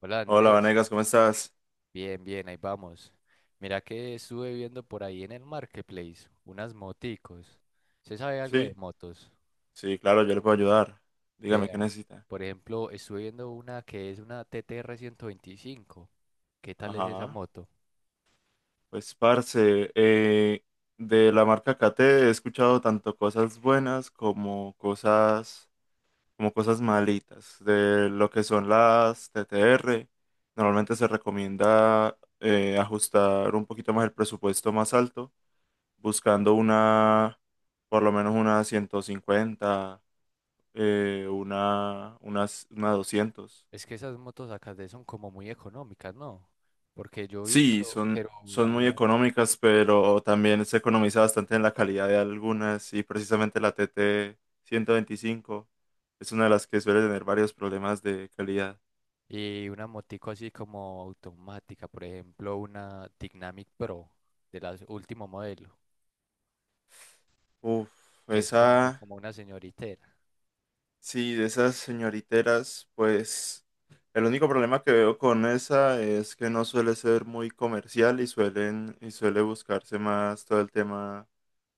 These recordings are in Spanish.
Hola Hola, Andrés, Vanegas, ¿cómo estás? bien, bien, ahí vamos. Mira que estuve viendo por ahí en el marketplace unas moticos. ¿Se sabe algo de Sí, motos? sí, claro, yo le puedo ayudar. Dígame qué Vea, necesita. por ejemplo, estuve viendo una que es una TTR 125. ¿Qué tal es esa Ajá. moto? Pues, parce, de la marca Cate he escuchado tanto cosas buenas como cosas malitas. De lo que son las TTR, normalmente se recomienda ajustar un poquito más el presupuesto más alto, buscando una, por lo menos una 150, una 200. Es que esas motos acá de son como muy económicas, ¿no? Porque yo he Sí, visto, pero son muy hablan- económicas, pero también se economiza bastante en la calidad de algunas y precisamente la TT 25 es una de las que suele tener varios problemas de calidad. y una motico así como automática, por ejemplo, una Dynamic Pro de la último modelo, Uf, que es esa, como una señorita. sí, de esas señoriteras, pues el único problema que veo con esa es que no suele ser muy comercial y suele buscarse más todo el tema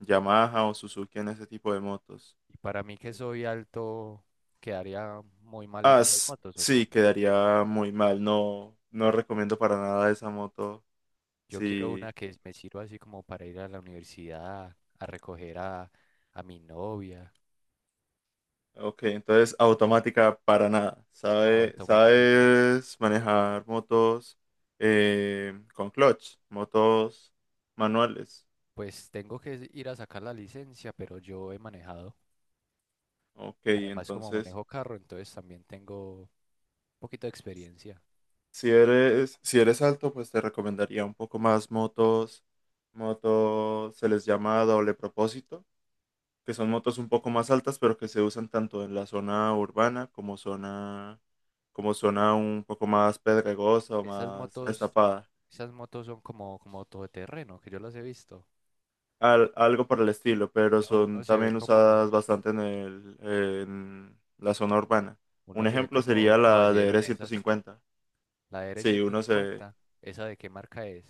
Yamaha o Suzuki en ese tipo de motos. Y para mí que soy alto, quedaría muy mal en Ah, esas motos o sí, cómo. quedaría muy mal. No, no recomiendo para nada esa moto. Yo quiero una Sí. que me sirva así como para ir a la universidad, a a mi novia. Ok, entonces automática para nada. No, automática no. ¿Sabes manejar motos con clutch? Motos manuales. Pues tengo que ir a sacar la licencia, pero yo he manejado. Ok, Además, como entonces manejo carro, entonces también tengo un poquito de experiencia. Si eres alto, pues te recomendaría un poco más motos. Motos se les llama doble propósito que son motos un poco más altas, pero que se usan tanto en la zona urbana como zona, un poco más pedregosa o Esas más motos, destapada. esas motos son como todoterreno, que yo las he visto. Algo por el estilo, pero Uno, son uno se ve también usadas bastante en en la zona urbana. Un uno se ve ejemplo como un sería la caballero en esas. DR150. La Sí. DR150, ¿esa de qué marca es?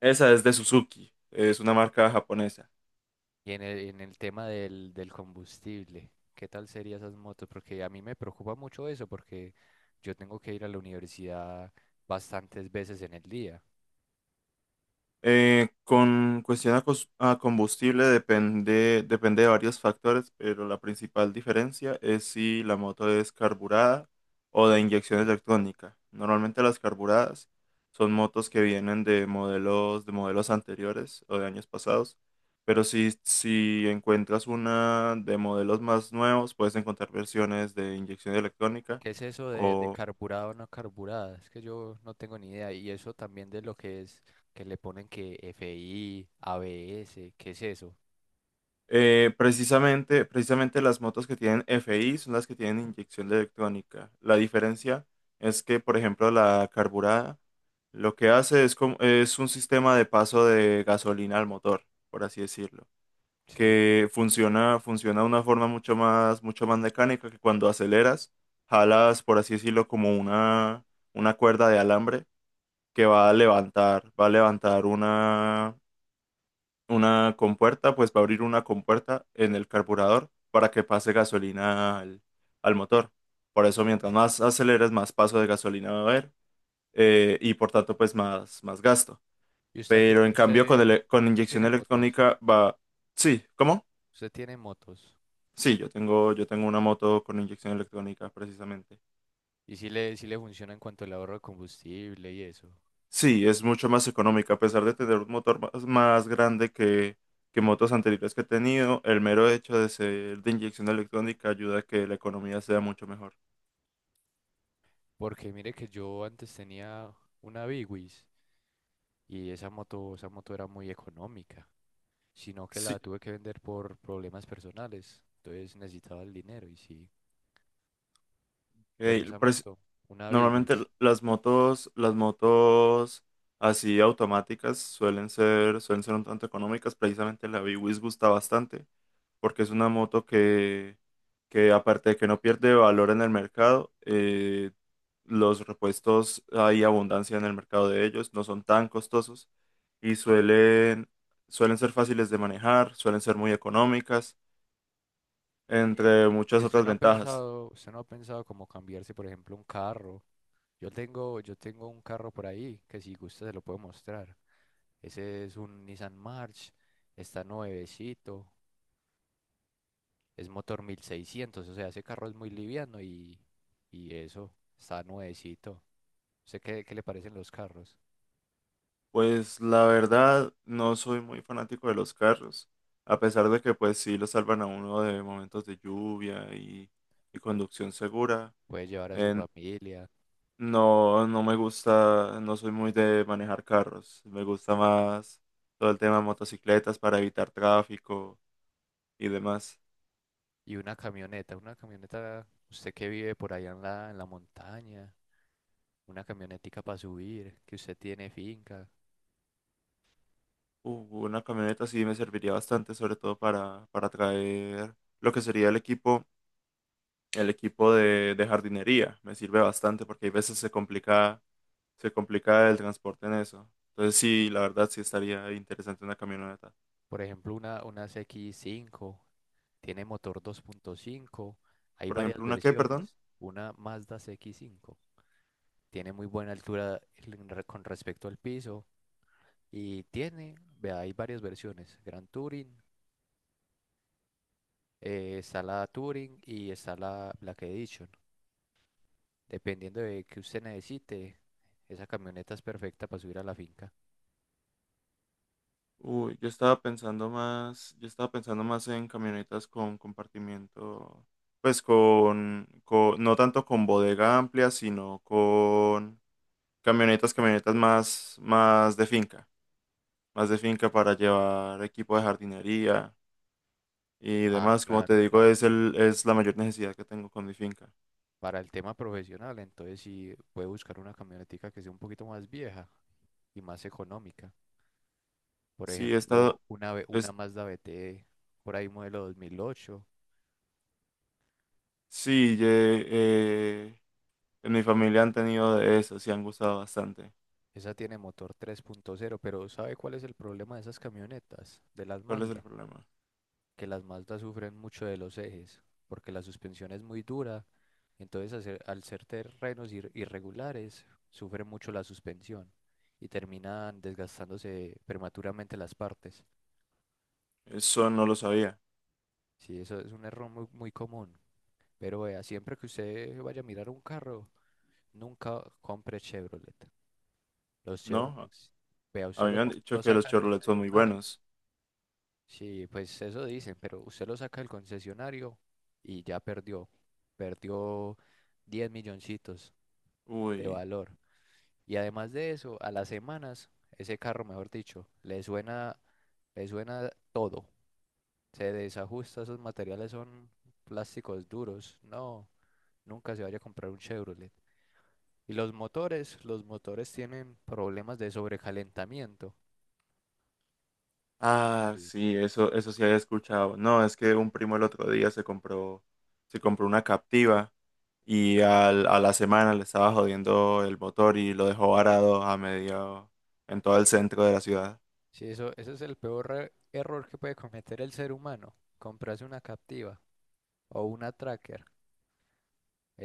Esa es de Suzuki, es una marca japonesa. Y en en el tema del combustible, ¿qué tal serían esas motos? Porque a mí me preocupa mucho eso, porque yo tengo que ir a la universidad bastantes veces en el día. Con cuestión a combustible, depende de varios factores, pero la principal diferencia es si la moto es carburada o de inyección electrónica. Normalmente las carburadas son motos que vienen de modelos, anteriores o de años pasados, pero si encuentras una de modelos más nuevos, puedes encontrar versiones de inyección electrónica. ¿Qué es eso de carburado o no carburada? Es que yo no tengo ni idea. Y eso también de lo que es, que le ponen que FI, ABS, ¿qué es eso? Precisamente las motos que tienen FI son las que tienen inyección electrónica. La diferencia es que, por ejemplo, la carburada lo que hace es, es un sistema de paso de gasolina al motor, por así decirlo, Sí. que funciona de una forma mucho más mecánica que cuando aceleras, jalas, por así decirlo, como una cuerda de alambre que va a levantar una compuerta, pues va a abrir una compuerta en el carburador para que pase gasolina al motor. Por eso, mientras más aceleres, más paso de gasolina va a haber, y por tanto, pues más gasto. ¿Y Pero en cambio, con usted inyección tiene motos? electrónica va... Sí, ¿cómo? ¿Usted tiene motos? Sí, yo tengo una moto con inyección electrónica precisamente. Y sí le funciona en cuanto al ahorro de combustible y eso. Sí, es mucho más económica, a pesar de tener un motor más grande que motos anteriores que he tenido. El mero hecho de ser de inyección electrónica ayuda a que la economía sea mucho mejor. Porque mire que yo antes tenía una Big Wiz y esa moto era muy económica, sino que la Sí, tuve que vender por problemas personales. Entonces necesitaba el dinero y sí. eh, Pero esa el preci- moto, una normalmente Bigwis. Las motos así automáticas suelen ser un tanto económicas, precisamente la BWS gusta bastante, porque es una moto que aparte de que no pierde valor en el mercado, los repuestos hay abundancia en el mercado de ellos, no son tan costosos y suelen ser fáciles de manejar, suelen ser muy económicas, ¿Y entre y muchas usted otras no ha ventajas. Usted no ha pensado como cambiarse, por ejemplo, un carro? Yo tengo un carro por ahí que si gusta se lo puedo mostrar. Ese es un Nissan March, está nuevecito, es motor mil seiscientos, o sea, ese carro es muy liviano y eso, está nuevecito. ¿Sé qué, qué le parecen los carros? Pues la verdad, no soy muy fanático de los carros, a pesar de que pues sí lo salvan a uno de momentos de lluvia y conducción segura. Puede llevar a su Eh, familia No, no me gusta, no soy muy de manejar carros. Me gusta más todo el tema de motocicletas para evitar tráfico y demás. y una una camioneta, usted que vive por allá en en la montaña, una camionetica para subir, que usted tiene finca, Una camioneta sí me serviría bastante, sobre todo para traer lo que sería el equipo, de jardinería. Me sirve bastante porque hay veces se complica el transporte en eso. Entonces sí, la verdad sí estaría interesante una camioneta. por ejemplo, una C x 5, tiene motor dos punto cinco, hay Por varias ejemplo, ¿una qué, versiones, perdón? una Mazda C x 5, tiene muy buena altura en con respecto al piso. Y tiene, vea, hay varias versiones, Grand Touring, está la Touring y está la Black Edition. Dependiendo de que usted necesite, esa camioneta es perfecta para subir a la finca. Uy, yo estaba pensando más en camionetas con compartimiento, pues no tanto con bodega amplia, sino con camionetas más de finca para llevar equipo de jardinería y Ah, demás. Como te claro, digo, claro, sí, sí. es la mayor necesidad que tengo con mi finca. Para el tema profesional, entonces sí puede buscar una camionetica que sea un poquito más vieja y más económica. Por Sí, he ejemplo, estado, una es, Mazda BT, por ahí modelo dos mil ocho. sí, eh, en mi familia han tenido de eso, sí han gustado bastante. Esa tiene motor tres punto cero, pero ¿sabe cuál es el problema de esas camionetas, de las ¿Cuál es el Mazda? problema? Que las Mazdas sufren mucho de los ejes, porque la suspensión es muy dura, entonces al ser terrenos irregulares, sufre mucho la suspensión y terminan desgastándose prematuramente las partes. Eso no lo sabía. Sí, eso es un error muy, muy común, pero vea, siempre que usted vaya a mirar un carro, nunca compre Chevrolet. Los ¿No? Chevrolet, vea, A mí me han dicho lo que los saca del Chevrolet son muy concesionario. buenos. Sí, pues eso dicen, pero usted lo saca del concesionario y ya perdió. Perdió 10 milloncitos de Uy. valor. Y además de eso, a las semanas, ese carro, mejor dicho, le suena todo. Se desajusta, esos materiales son plásticos duros. No, nunca se vaya a comprar un Chevrolet. Y los motores tienen problemas de sobrecalentamiento. Ah, Sí. sí, eso sí había escuchado. No, es que un primo el otro día se compró una Captiva y a la semana le estaba jodiendo el motor y lo dejó varado a medio, en todo el centro de la ciudad. Sí, eso, ese es el peor error que puede cometer el ser humano. Comprarse una captiva o una tracker.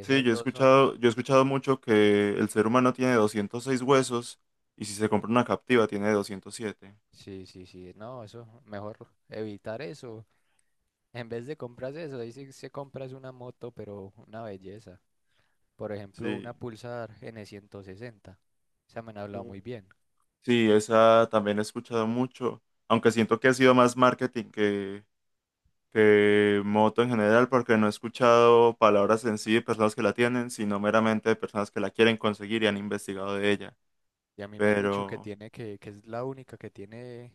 Sí, dos son... yo he escuchado mucho que el ser humano tiene 206 huesos, y si se compra una Captiva tiene 207. Sí, sí, sí. No, eso, mejor evitar eso. En vez de comprarse eso, ahí sí se compras una moto, pero una belleza. Por ejemplo, Sí. una Pulsar N160. Esa me han hablado Uh, muy bien. Sí, esa también he escuchado mucho, aunque siento que ha sido más marketing que moto en general, porque no he escuchado palabras en sí de personas que la tienen, sino meramente de personas que la quieren conseguir y han investigado de ella. Y a mí me han dicho Pero que es la única que tiene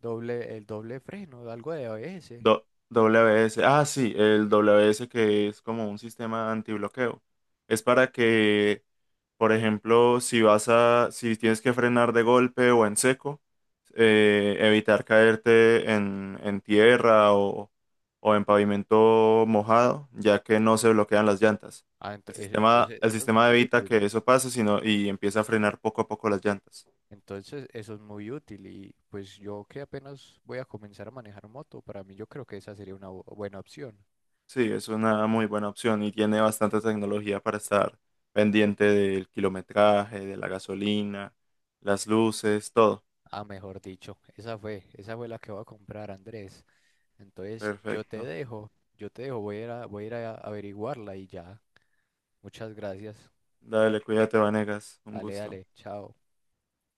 doble, el doble freno, algo de ABS. W S, ah, sí, el W S, que es como un sistema antibloqueo. Es para que. Por ejemplo, si tienes que frenar de golpe o en seco, evitar caerte en tierra, o en pavimento mojado, ya que no se bloquean las llantas. Ah, entonces El eso es sistema muy evita útil. que eso pase, sino y empieza a frenar poco a poco las llantas. Entonces, eso es muy útil y pues yo que apenas voy a comenzar a manejar moto, para mí yo creo que esa sería una buena opción. Sí, es una muy buena opción y tiene bastante tecnología para estar pendiente del kilometraje, de la gasolina, las luces, todo. Ah, mejor dicho, esa fue la que voy a comprar, Andrés. Entonces, Perfecto. Yo te dejo, voy a ir voy a ir a averiguarla y ya. Muchas gracias. Dale, cuídate, Vanegas. Un Dale, gusto. dale, chao.